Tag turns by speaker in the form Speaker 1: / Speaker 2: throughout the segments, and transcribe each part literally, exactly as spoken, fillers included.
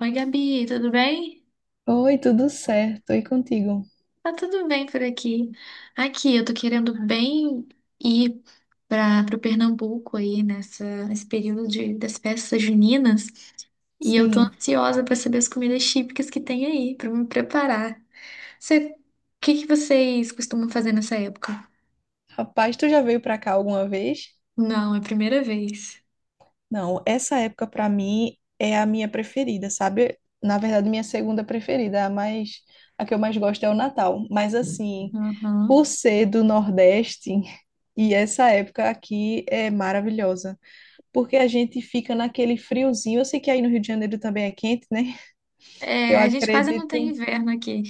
Speaker 1: Oi, Gabi, tudo bem?
Speaker 2: Oi, tudo certo? E contigo?
Speaker 1: Tá tudo bem por aqui. Aqui, eu tô querendo bem ir para o Pernambuco aí nessa, nesse período de, das festas juninas e eu tô
Speaker 2: Sim.
Speaker 1: ansiosa para saber as comidas típicas que tem aí, para me preparar. Você, o que que vocês costumam fazer nessa época?
Speaker 2: Rapaz, tu já veio pra cá alguma vez?
Speaker 1: Não, é a primeira vez.
Speaker 2: Não, essa época pra mim é a minha preferida, sabe? Na verdade, minha segunda preferida, a mais a que eu mais gosto é o Natal, mas assim, por
Speaker 1: Uhum.
Speaker 2: ser do Nordeste, e essa época aqui é maravilhosa, porque a gente fica naquele friozinho. Eu sei que aí no Rio de Janeiro também é quente, né? Eu
Speaker 1: É, a gente quase não
Speaker 2: acredito,
Speaker 1: tem inverno aqui.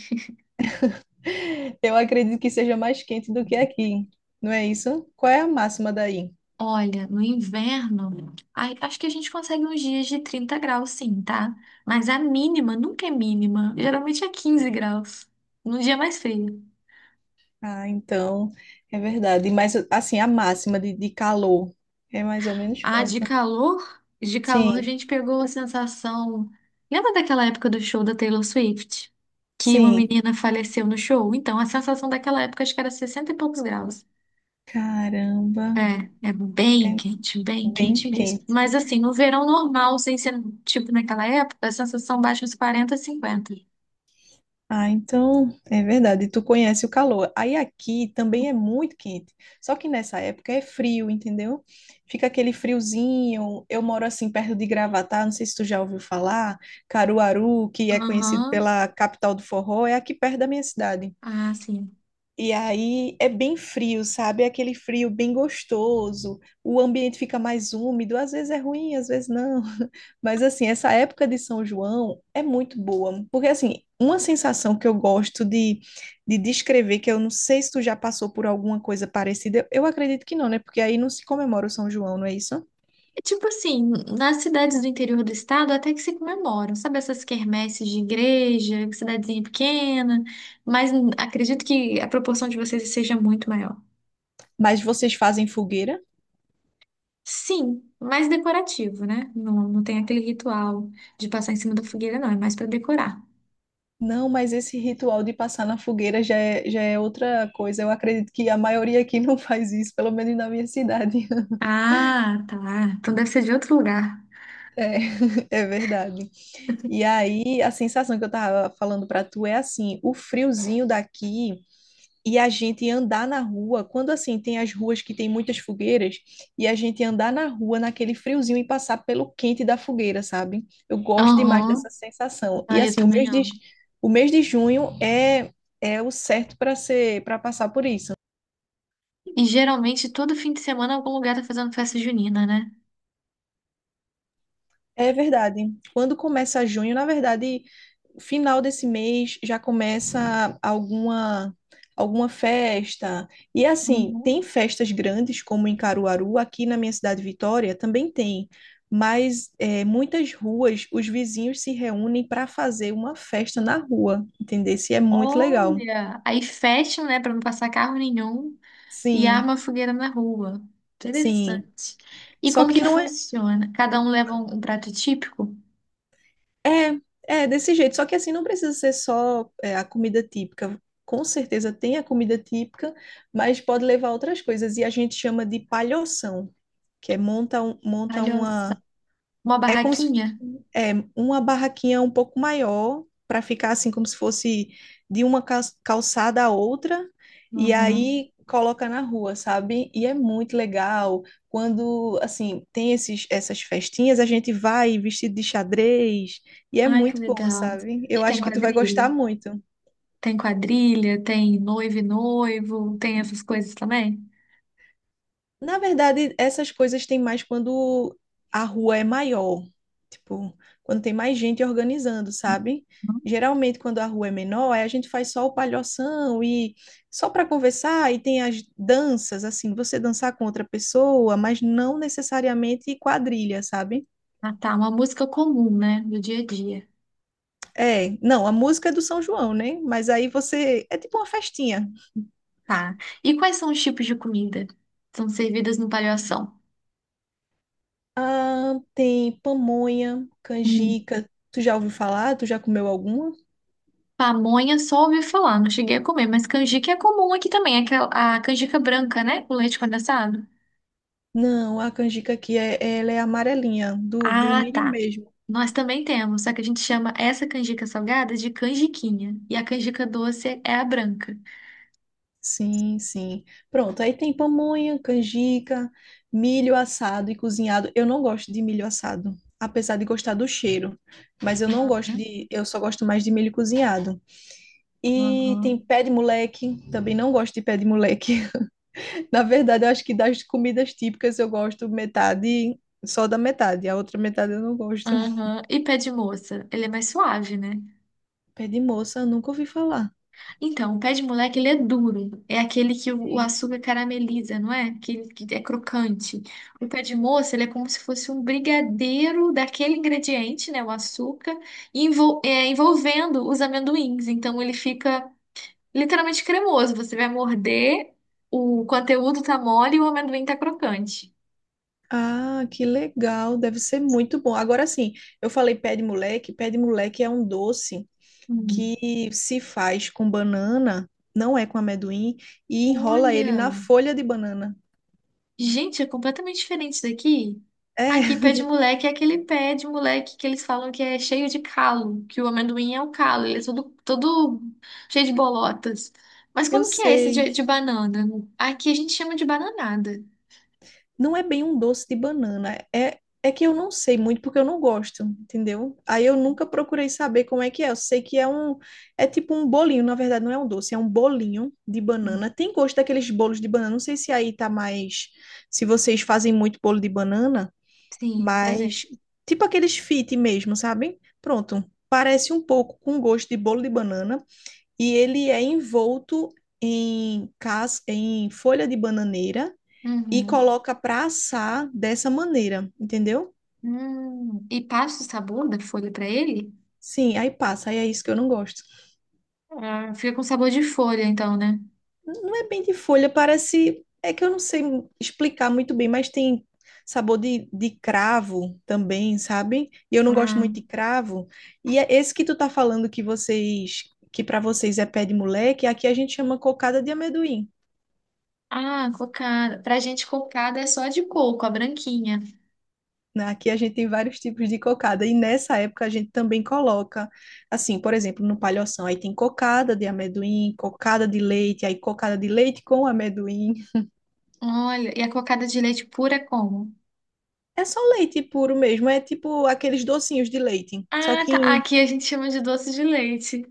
Speaker 2: eu acredito que seja mais quente do que aqui. Não é isso? Qual é a máxima daí?
Speaker 1: Olha, no inverno, ai, acho que a gente consegue uns dias de trinta graus, sim, tá? Mas a mínima nunca é mínima. Geralmente é quinze graus, num dia mais frio.
Speaker 2: Ah, então, é verdade. Mas, assim, a máxima de, de calor é mais ou menos
Speaker 1: Ah, de
Speaker 2: quanto?
Speaker 1: calor? De calor a
Speaker 2: Sim,
Speaker 1: gente pegou a sensação. Lembra daquela época do show da Taylor Swift? Que uma
Speaker 2: sim.
Speaker 1: menina faleceu no show? Então, a sensação daquela época acho que era sessenta e poucos graus.
Speaker 2: Caramba,
Speaker 1: É, é bem
Speaker 2: é
Speaker 1: quente, bem
Speaker 2: bem
Speaker 1: quente mesmo.
Speaker 2: quente.
Speaker 1: Mas assim, no verão normal, sem ser tipo naquela época, a sensação baixa uns quarenta, cinquenta.
Speaker 2: Ah, então, é verdade. Tu conhece o calor. Aí aqui também é muito quente. Só que nessa época é frio, entendeu? Fica aquele friozinho. Eu moro assim perto de Gravatá, não sei se tu já ouviu falar. Caruaru, que é conhecido
Speaker 1: Aham.
Speaker 2: pela capital do forró, é aqui perto da minha cidade.
Speaker 1: Ah, sim.
Speaker 2: E aí é bem frio, sabe? É aquele frio bem gostoso. O ambiente fica mais úmido, às vezes é ruim, às vezes não. Mas assim, essa época de São João é muito boa, porque assim, uma sensação que eu gosto de, de descrever, que eu não sei se tu já passou por alguma coisa parecida, eu acredito que não, né? Porque aí não se comemora o São João, não é isso?
Speaker 1: É. Tipo assim, nas cidades do interior do estado até que se comemoram, sabe? Essas quermesses de igreja, cidadezinha pequena, mas hum, acredito que a proporção de vocês seja muito maior.
Speaker 2: Mas vocês fazem fogueira?
Speaker 1: Sim, mais decorativo, né? Não, não tem aquele ritual de passar em cima da fogueira, não, é mais para decorar.
Speaker 2: Não, mas esse ritual de passar na fogueira já é, já é outra coisa. Eu acredito que a maioria aqui não faz isso, pelo menos na minha cidade.
Speaker 1: Ah, tá. Então deve ser de outro lugar.
Speaker 2: É, é verdade. E aí, a sensação que eu tava falando pra tu é assim, o friozinho daqui e a gente andar na rua, quando assim tem as ruas que tem muitas fogueiras, e a gente andar na rua naquele friozinho e passar pelo quente da fogueira, sabe? Eu gosto demais
Speaker 1: Aham.
Speaker 2: dessa sensação. E
Speaker 1: Ah, eu
Speaker 2: assim, o
Speaker 1: também
Speaker 2: mês de,
Speaker 1: amo.
Speaker 2: o mês de junho é, é o certo para ser, para passar por isso.
Speaker 1: E geralmente todo fim de semana algum lugar tá fazendo festa junina, né?
Speaker 2: É verdade. Quando começa junho, na verdade, final desse mês já começa alguma alguma festa. E assim,
Speaker 1: Uhum.
Speaker 2: tem festas grandes como em Caruaru. Aqui na minha cidade Vitória também tem. Mas é, muitas ruas, os vizinhos se reúnem para fazer uma festa na rua, entendeu? Se é muito legal.
Speaker 1: Olha, aí fecham, né, para não passar carro nenhum e arma
Speaker 2: Sim,
Speaker 1: a fogueira na rua.
Speaker 2: sim.
Speaker 1: Interessante. E
Speaker 2: Só
Speaker 1: como
Speaker 2: que
Speaker 1: que
Speaker 2: não é.
Speaker 1: funciona? Cada um leva um, um prato típico?
Speaker 2: É, é desse jeito. Só que assim não precisa ser só é, a comida típica. Com certeza tem a comida típica, mas pode levar outras coisas. E a gente chama de palhoção, que é monta, um- monta
Speaker 1: Olha.
Speaker 2: uma,
Speaker 1: Uma
Speaker 2: é como se
Speaker 1: barraquinha?
Speaker 2: é, uma barraquinha um pouco maior, para ficar assim, como se fosse de uma cal- calçada a outra, e
Speaker 1: Uhum.
Speaker 2: aí coloca na rua, sabe? E é muito legal. Quando, assim, tem esses, essas festinhas, a gente vai vestido de xadrez, e é
Speaker 1: Ai, que
Speaker 2: muito bom,
Speaker 1: legal.
Speaker 2: sabe? Eu
Speaker 1: E tem
Speaker 2: acho que tu vai
Speaker 1: quadrilha?
Speaker 2: gostar muito.
Speaker 1: Tem quadrilha, tem noivo e noivo, tem essas coisas também?
Speaker 2: Na verdade, essas coisas tem mais quando a rua é maior, tipo, quando tem mais gente organizando, sabe?
Speaker 1: Uhum.
Speaker 2: Geralmente, quando a rua é menor, aí a gente faz só o palhoção e só para conversar, e tem as danças, assim, você dançar com outra pessoa, mas não necessariamente quadrilha, sabe?
Speaker 1: Ah, tá. Uma música comum, né, do dia a dia.
Speaker 2: É, não, a música é do São João, né? Mas aí você. É tipo uma festinha.
Speaker 1: Tá. E quais são os tipos de comida? Que são servidas no palhação?
Speaker 2: Ah, tem pamonha, canjica. Tu já ouviu falar? Tu já comeu alguma?
Speaker 1: Pamonha só ouvi falar, não cheguei a comer, mas canjica é comum aqui também, aquela- a canjica branca, né? Com leite condensado.
Speaker 2: Não, a canjica aqui é, ela é amarelinha, do, do
Speaker 1: Ah,
Speaker 2: milho
Speaker 1: tá.
Speaker 2: mesmo.
Speaker 1: Nós também temos, só que a gente chama essa canjica salgada de canjiquinha. E a canjica doce é a branca.
Speaker 2: Sim, sim. Pronto, aí tem pamonha, canjica, milho assado e cozinhado. Eu não gosto de milho assado, apesar de gostar do cheiro, mas eu não gosto
Speaker 1: Uhum,
Speaker 2: de, eu só gosto mais de milho cozinhado. E tem
Speaker 1: uhum,
Speaker 2: pé de moleque, também não gosto de pé de moleque. Na verdade, eu acho que das comidas típicas eu gosto metade, só da metade, a outra metade eu não gosto.
Speaker 1: uhum. E pé de moça? Ele é mais suave, né?
Speaker 2: Pé de moça, eu nunca ouvi falar.
Speaker 1: Então, o pé de moleque, ele é duro. É aquele que o o açúcar carameliza, não é? Aquele que é crocante. O pé de moça, ele é como se fosse um brigadeiro daquele ingrediente, né? O açúcar, envol- é, envolvendo os amendoins. Então, ele fica literalmente cremoso. Você vai morder, o conteúdo tá mole e o amendoim tá crocante.
Speaker 2: Ah, que legal, deve ser muito bom. Agora sim, eu falei pé de moleque, pé de moleque é um doce
Speaker 1: Hum.
Speaker 2: que se faz com banana, não é com amendoim, e enrola ele na
Speaker 1: Olha!
Speaker 2: folha de banana.
Speaker 1: Gente, é completamente diferente daqui.
Speaker 2: É,
Speaker 1: Aqui, pé de moleque é aquele pé de moleque que eles falam que é cheio de calo, que o amendoim é o calo, ele é todo, todo cheio de bolotas. Mas
Speaker 2: eu
Speaker 1: como que é esse de,
Speaker 2: sei.
Speaker 1: de banana? Aqui a gente chama de bananada.
Speaker 2: Não é bem um doce de banana. É, é que eu não sei muito porque eu não gosto, entendeu? Aí eu nunca procurei saber como é que é. Eu sei que é um, é tipo um bolinho, na verdade não é um doce, é um bolinho de banana. Tem gosto daqueles bolos de banana. Não sei se aí tá mais, se vocês fazem muito bolo de banana,
Speaker 1: Sim, fazer.
Speaker 2: mas tipo aqueles fit mesmo, sabe? Pronto. Parece um pouco com gosto de bolo de banana e ele é envolto em cas... em folha de bananeira e
Speaker 1: Uhum.
Speaker 2: coloca pra assar dessa maneira, entendeu?
Speaker 1: Hum. E passa o sabor da folha pra ele?
Speaker 2: Sim, aí passa, aí é isso que eu não gosto.
Speaker 1: Ah, fica com sabor de folha, então, né?
Speaker 2: Não é bem de folha, parece. É que eu não sei explicar muito bem, mas tem sabor de, de cravo também, sabe? E eu não gosto
Speaker 1: Ah,
Speaker 2: muito de cravo. E é esse que tu tá falando que vocês, que pra vocês é pé de moleque, aqui a gente chama cocada de amendoim.
Speaker 1: ah, cocada. Pra gente, cocada é só de coco, a branquinha.
Speaker 2: Né? Aqui a gente tem vários tipos de cocada, e nessa época a gente também coloca, assim, por exemplo, no palhoção, aí tem cocada de amendoim, cocada de leite, aí cocada de leite com amendoim.
Speaker 1: Olha, e a cocada de leite pura é como?
Speaker 2: É só leite puro mesmo, é tipo aqueles docinhos de leite, só
Speaker 1: Ah, tá.
Speaker 2: que,
Speaker 1: Aqui a gente chama de doce de leite.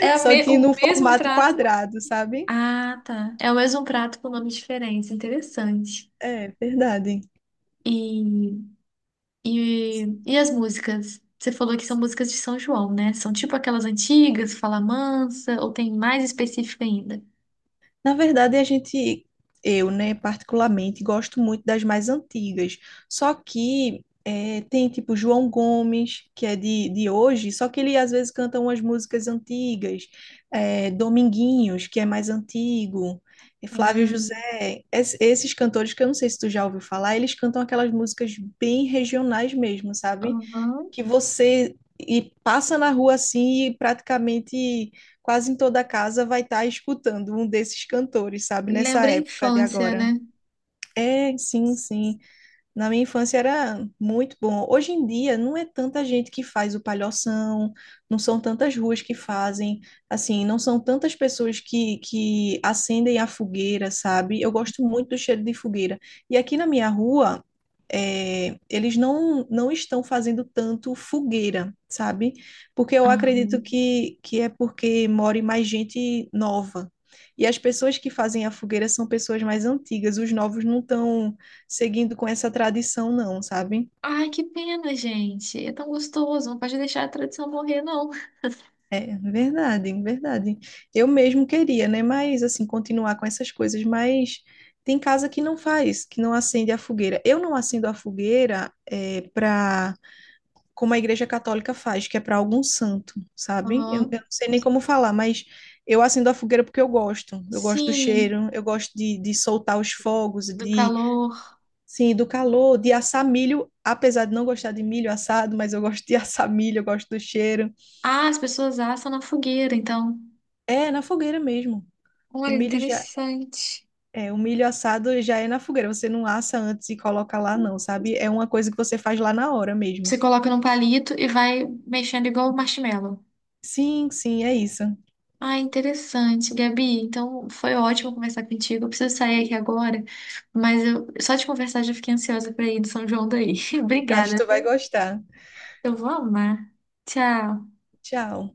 Speaker 1: É a
Speaker 2: só
Speaker 1: me- o
Speaker 2: que no
Speaker 1: mesmo
Speaker 2: formato
Speaker 1: prato.
Speaker 2: quadrado, sabe?
Speaker 1: Ah, tá. É o mesmo prato com nome diferente. Interessante.
Speaker 2: É, verdade.
Speaker 1: E, e, e as músicas? Você falou que são músicas de São João, né? São tipo aquelas antigas, Fala Mansa, ou tem mais específica ainda?
Speaker 2: Na verdade, a gente, eu, né, particularmente, gosto muito das mais antigas. Só que é, tem tipo João Gomes, que é de, de hoje, só que ele às vezes canta umas músicas antigas, é, Dominguinhos, que é mais antigo, e Flávio
Speaker 1: Ah,
Speaker 2: José, Es- esses cantores que eu não sei se tu já ouviu falar, eles cantam aquelas músicas bem regionais mesmo, sabe?
Speaker 1: aham.
Speaker 2: Que você e passa na rua assim e praticamente quase em toda casa vai estar escutando um desses cantores, sabe, nessa
Speaker 1: Lembra a
Speaker 2: época de
Speaker 1: infância,
Speaker 2: agora.
Speaker 1: né?
Speaker 2: É, sim, sim. Na minha infância era muito bom. Hoje em dia não é tanta gente que faz o palhoção, não são tantas ruas que fazem, assim, não são tantas pessoas que, que acendem a fogueira, sabe? Eu gosto muito do cheiro de fogueira. E aqui na minha rua, é, eles não, não estão fazendo tanto fogueira, sabe? Porque eu acredito
Speaker 1: Aham.
Speaker 2: que, que é porque more mais gente nova. E as pessoas que fazem a fogueira são pessoas mais antigas, os novos não estão seguindo com essa tradição, não, sabe?
Speaker 1: Ai, que pena, gente. É tão gostoso. Não pode deixar a tradição morrer, não.
Speaker 2: É, verdade, verdade. Eu mesmo queria, né? Mas, assim, continuar com essas coisas, mas tem casa que não faz, que não acende a fogueira. Eu não acendo a fogueira é, para como a Igreja Católica faz, que é para algum santo, sabe? Eu, eu
Speaker 1: Aham.
Speaker 2: não sei nem como falar, mas eu acendo a fogueira porque eu gosto. Eu gosto do
Speaker 1: Sim,
Speaker 2: cheiro, eu gosto de, de soltar os fogos,
Speaker 1: do
Speaker 2: de
Speaker 1: calor.
Speaker 2: Sim, do calor, de assar milho, apesar de não gostar de milho assado, mas eu gosto de assar milho, eu gosto do cheiro.
Speaker 1: Ah, as pessoas assam na fogueira, então.
Speaker 2: É, na fogueira mesmo. O
Speaker 1: Olha,
Speaker 2: milho já
Speaker 1: interessante.
Speaker 2: é, o milho assado já é na fogueira, você não assa antes e coloca lá não, sabe? É uma coisa que você faz lá na hora
Speaker 1: Você
Speaker 2: mesmo.
Speaker 1: coloca num palito e vai mexendo igual o marshmallow.
Speaker 2: Sim, sim, é isso.
Speaker 1: Ah, interessante, Gabi. Então, foi ótimo conversar contigo. Eu preciso sair aqui agora, mas eu, só de conversar já fiquei ansiosa para ir do São João daí.
Speaker 2: Acho que
Speaker 1: Obrigada.
Speaker 2: tu vai gostar.
Speaker 1: Eu vou amar. Tchau.
Speaker 2: Tchau.